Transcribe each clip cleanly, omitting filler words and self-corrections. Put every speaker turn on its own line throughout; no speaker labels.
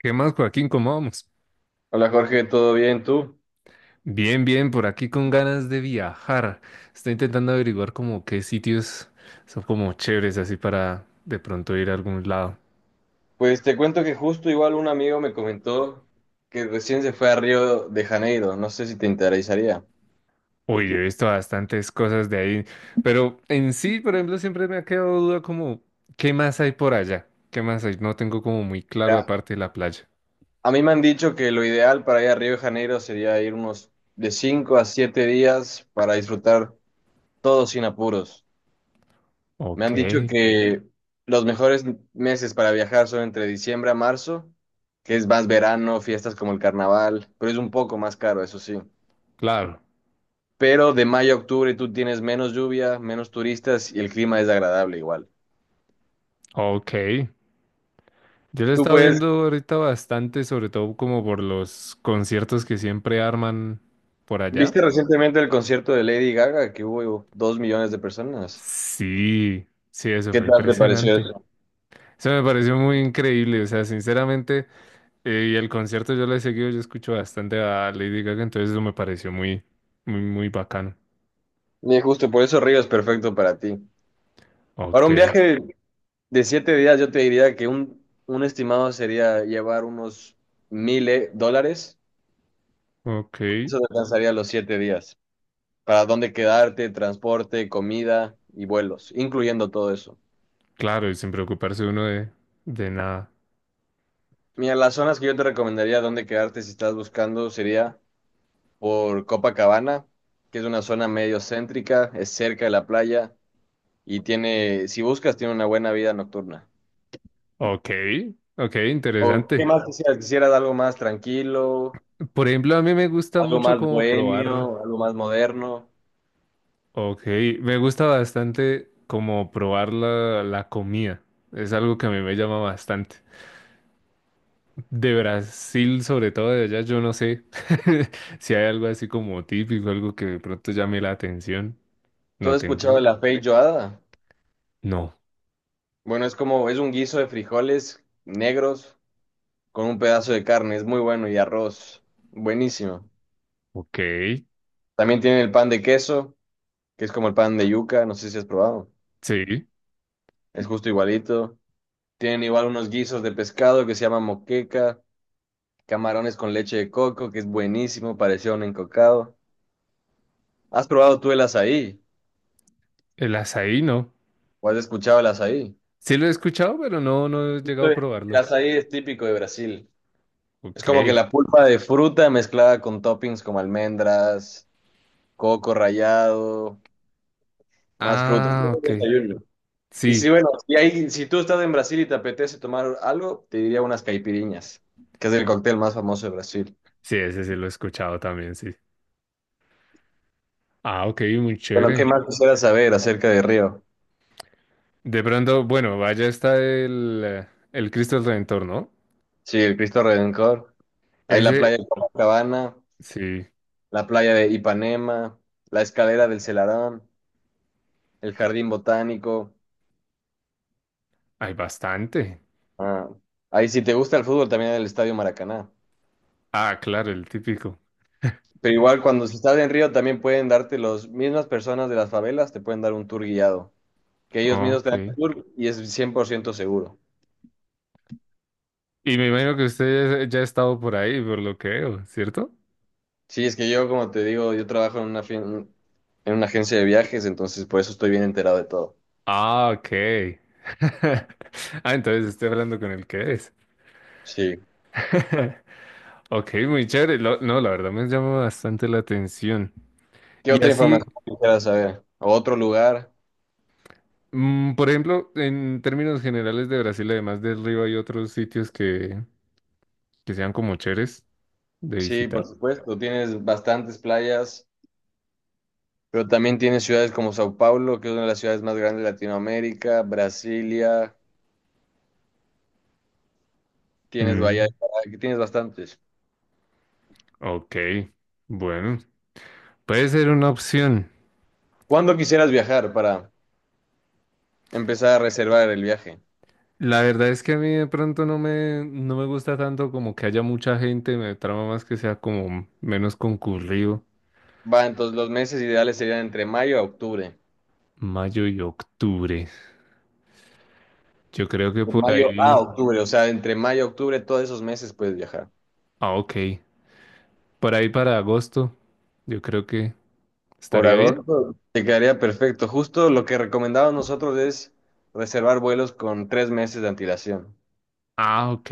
¿Qué más, Joaquín? ¿Cómo vamos?
Hola Jorge, ¿todo bien tú?
Bien, bien, por aquí con ganas de viajar. Estoy intentando averiguar como qué sitios son como chéveres así para de pronto ir a algún lado.
Pues te cuento que justo igual un amigo me comentó que recién se fue a Río de Janeiro, no sé si te interesaría.
Uy, yo he visto bastantes cosas de ahí, pero en sí, por ejemplo, siempre me ha quedado duda como ¿qué más hay por allá? ¿Qué más hay? No tengo como muy claro
Ya,
aparte de la playa.
a mí me han dicho que lo ideal para ir a Río de Janeiro sería ir unos de 5 a 7 días para disfrutar todo sin apuros. Me
Ok,
han dicho que los mejores meses para viajar son entre diciembre a marzo, que es más verano, fiestas como el carnaval, pero es un poco más caro, eso sí.
claro.
Pero de mayo a octubre tú tienes menos lluvia, menos turistas y el clima es agradable igual.
Ok. Yo lo he
Tú
estado
puedes,
viendo ahorita bastante, sobre todo como por los conciertos que siempre arman por allá.
¿viste recientemente el concierto de Lady Gaga que hubo 2 millones de personas?
Sí, sí, eso
¿Qué
fue
tal te pareció
impresionante.
eso?
Eso me pareció muy increíble, o sea, sinceramente, y el concierto yo lo he seguido, yo escucho bastante a Lady Gaga, entonces eso me pareció muy, muy, muy bacano.
Y justo por eso Río es perfecto para ti. Para
Ok,
un viaje de 7 días yo te diría que un estimado sería llevar unos 1.000 dólares.
ok,
Eso te alcanzaría los 7 días. Para dónde quedarte, transporte, comida y vuelos, incluyendo todo eso.
claro, y sin preocuparse uno de nada.
Mira, las zonas que yo te recomendaría dónde quedarte si estás buscando sería por Copacabana, que es una zona medio céntrica, es cerca de la playa y tiene, si buscas, tiene una buena vida nocturna.
Ok, ok,
¿O qué
interesante.
más quisieras? ¿Quisieras algo más tranquilo,
Por ejemplo, a mí me gusta
algo
mucho
más
como probar,
bohemio, algo más moderno?
ok, me gusta bastante como probar la comida, es algo que a mí me llama bastante. De Brasil, sobre todo de allá, yo no sé si hay algo así como típico, algo que de pronto llame la atención.
¿Tú
No
has
tengo
escuchado
ni
de
idea.
la feijoada?
No.
Bueno, es como, es un guiso de frijoles negros con un pedazo de carne, es muy bueno y arroz, buenísimo.
Ok.
También tienen el pan de queso, que es como el pan de yuca, no sé si has probado.
Sí.
Es justo igualito. Tienen igual unos guisos de pescado que se llama moqueca, camarones con leche de coco, que es buenísimo, parecía un encocado. ¿Has probado tú el azaí?
El azaí no.
¿O has escuchado el azaí?
Sí lo he escuchado, pero no, no he
Sí.
llegado a
El
probarlo.
azaí es típico de Brasil. Es
Ok.
como que la pulpa de fruta mezclada con toppings como almendras, coco rallado, más frutas. Es
Ah,
un
ok.
desayuno. Y si,
Sí.
bueno, si, si tú estás en Brasil y te apetece tomar algo, te diría unas caipiriñas, que es el cóctel más famoso de Brasil.
Sí, ese sí lo he escuchado también, sí. Ah, ok, muy
Bueno, ¿qué
chévere.
más quisiera saber acerca de Río?
De pronto, bueno, vaya está el Cristo del Redentor, ¿no?
Sí, el Cristo Redentor. Hay la playa
Ese,
de Copacabana,
sí,
la playa de Ipanema, la escalera del Celarón, el jardín botánico.
hay bastante.
Ah, ahí si te gusta el fútbol también el Estadio Maracaná.
Ah, claro, el típico.
Pero igual cuando se estás en Río también pueden darte las mismas personas de las favelas, te pueden dar un tour guiado, que ellos
Ah,
mismos te dan
ok.
el tour y es 100% seguro.
Y me imagino que usted ya ha estado por ahí, por lo que veo, ¿cierto?
Sí, es que yo, como te digo, yo trabajo en una, en una agencia de viajes, entonces por eso estoy bien enterado de todo.
Ah, ok. Ah, entonces estoy hablando con el que es.
Sí.
Ok, muy chévere. No, la verdad me llama bastante la atención.
¿Qué
Y
otra
así,
información quisieras saber? ¿O otro lugar?
por ejemplo, en términos generales de Brasil, además del río, hay otros sitios que sean como chéveres de
Sí, por
visitar.
supuesto, tienes bastantes playas, pero también tienes ciudades como Sao Paulo, que es una de las ciudades más grandes de Latinoamérica, Brasilia, tienes Bahía de
Mm,
Caracas, tienes bastantes.
ok, bueno, puede ser una opción.
¿Cuándo quisieras viajar para empezar a reservar el viaje?
La verdad es que a mí de pronto no me gusta tanto como que haya mucha gente, me trama más que sea como menos concurrido.
Va, entonces los meses ideales serían entre mayo a octubre.
Mayo y octubre. Yo creo que
De
por
mayo a
ahí,
octubre, o sea, entre mayo a octubre, todos esos meses puedes viajar.
ah, ok, por ahí para agosto, yo creo que
Por
estaría bien.
agosto te quedaría perfecto. Justo lo que recomendamos nosotros es reservar vuelos con 3 meses de antelación
Ah, ok.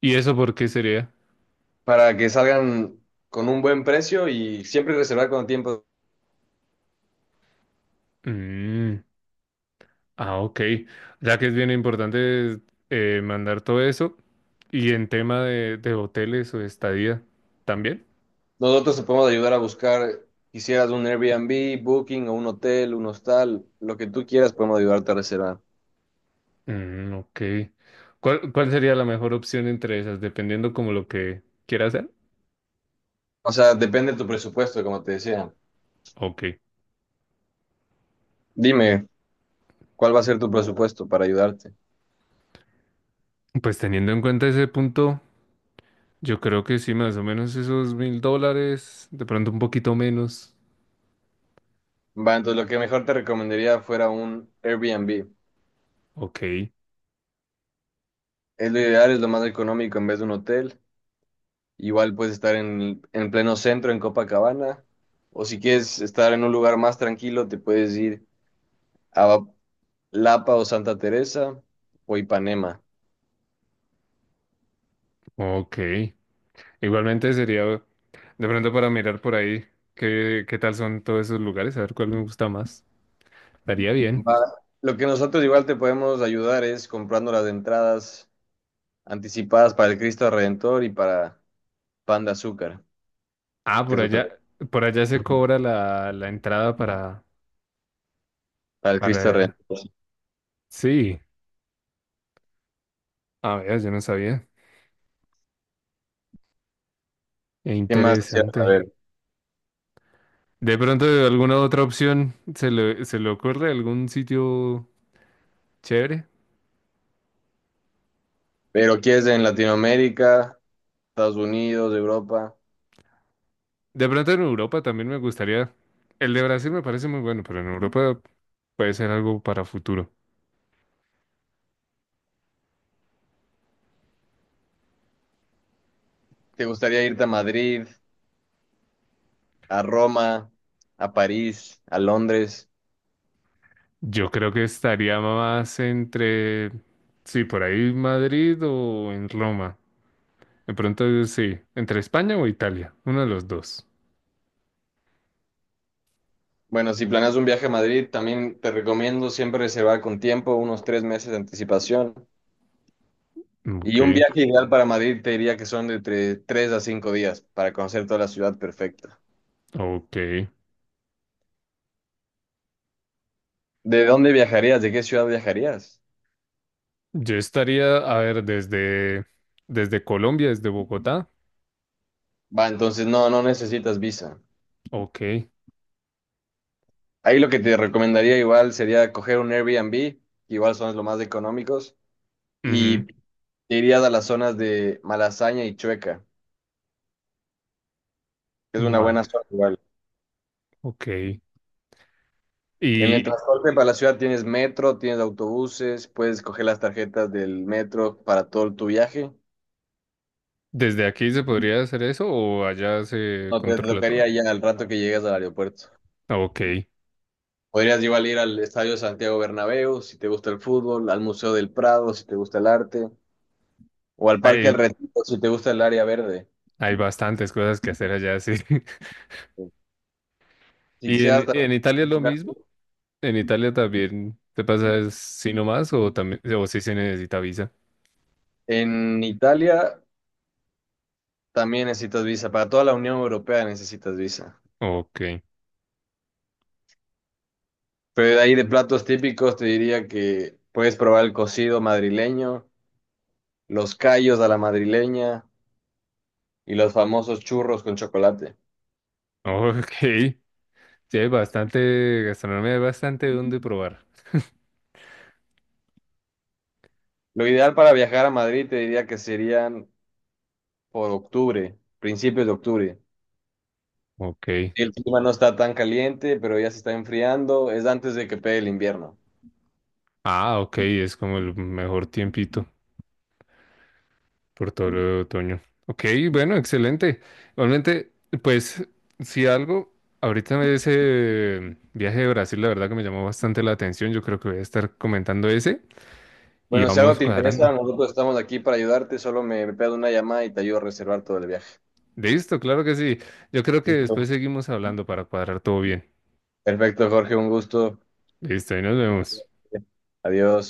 ¿Y eso por qué sería?
para que salgan con un buen precio y siempre reservar con tiempo.
Mm, ah, ok. Ya que es bien importante mandar todo eso y en tema de hoteles o estadía también.
Nosotros te podemos ayudar a buscar, quisieras un Airbnb, Booking o un hotel, un hostal, lo que tú quieras, podemos ayudarte a reservar.
Mm, ok. ¿Cuál sería la mejor opción entre esas, dependiendo como lo que quiera hacer?
O sea, depende de tu presupuesto, como te decía.
Ok.
Dime, ¿cuál va a ser tu presupuesto para ayudarte?
Pues teniendo en cuenta ese punto, yo creo que sí, más o menos esos $1.000, de pronto un poquito menos.
Va, entonces lo que mejor te recomendaría fuera un Airbnb.
Ok,
Es lo ideal, es lo más económico en vez de un hotel. Igual puedes estar en pleno centro, en Copacabana, o si quieres estar en un lugar más tranquilo, te puedes ir a Lapa o Santa Teresa o Ipanema.
ok. Igualmente sería de pronto para mirar por ahí qué tal son todos esos lugares, a ver cuál me gusta más. Estaría bien.
Va- Lo que nosotros igual te podemos ayudar es comprando las entradas anticipadas para el Cristo Redentor y para Pan de Azúcar,
Ah,
que es otro,
por allá se cobra la entrada para,
para el Cristo
para.
Redentor.
Sí. A ver, yo no sabía.
¿Qué más quisieras
Interesante.
saber?
De pronto, alguna otra opción se le ocurre algún sitio chévere.
Pero quieres en Latinoamérica, Estados Unidos, Europa,
De pronto en Europa también me gustaría. El de Brasil me parece muy bueno, pero en Europa puede ser algo para futuro.
¿te gustaría irte a Madrid? ¿A Roma, a París, a Londres?
Yo creo que estaría más entre, sí, por ahí Madrid o en Roma. De pronto, sí, entre España o Italia, uno de los dos.
Bueno, si planeas un viaje a Madrid, también te recomiendo siempre reservar con tiempo, unos 3 meses de anticipación.
Ok,
Y un viaje ideal para Madrid te diría que son de entre 3 a 5 días para conocer toda la ciudad perfecta.
ok.
¿De dónde viajarías? ¿De qué ciudad viajarías?
Yo estaría, a ver, desde Colombia, desde Bogotá.
Va, entonces no, no necesitas visa.
Ok.
Ahí lo que te recomendaría igual sería coger un Airbnb, que igual son los más económicos, y
Ujú,
te irías a las zonas de Malasaña y Chueca, que es una buena
vale.
zona igual.
Ok.
En el
¿Y
transporte para la ciudad tienes metro, tienes autobuses, puedes coger las tarjetas del metro para todo tu viaje.
desde aquí se podría hacer eso o allá se
No te, te
controla todo?
tocaría ya al rato que llegas al aeropuerto.
Ah, ok.
Podrías igual ir al Estadio Santiago Bernabéu si te gusta el fútbol, al Museo del Prado si te gusta el arte, o al Parque del
Hay,
Retiro si te gusta el área verde.
hay bastantes cosas que hacer allá, sí.
Si
¿Y
quisieras
en,
también
en Italia es lo mismo?
enfocarte
¿En Italia también te pasa así nomás o también o sí se necesita visa?
en Italia, también necesitas visa. Para toda la Unión Europea necesitas visa.
Ok.
Pero de ahí de platos típicos te diría que puedes probar el cocido madrileño, los callos a la madrileña y los famosos churros con chocolate.
Ok. Sí, hay bastante gastronomía, hay bastante donde probar.
Lo ideal para viajar a Madrid te diría que serían por octubre, principios de octubre.
Ok.
El clima no está tan caliente, pero ya se está enfriando, es antes de que pegue el invierno.
Ah, ok, es como el mejor tiempito. Por todo el otoño. Ok, bueno, excelente. Igualmente, pues, si algo, ahorita ese viaje de Brasil, la verdad que me llamó bastante la atención. Yo creo que voy a estar comentando ese y
Bueno, si algo
vamos
te interesa,
cuadrando.
nosotros estamos aquí para ayudarte, solo me pedo una llamada y te ayudo a reservar todo el viaje.
Listo, claro que sí. Yo creo que después
Listo.
seguimos hablando para cuadrar todo bien.
Perfecto, Jorge, un gusto.
Listo, y nos vemos.
Adiós.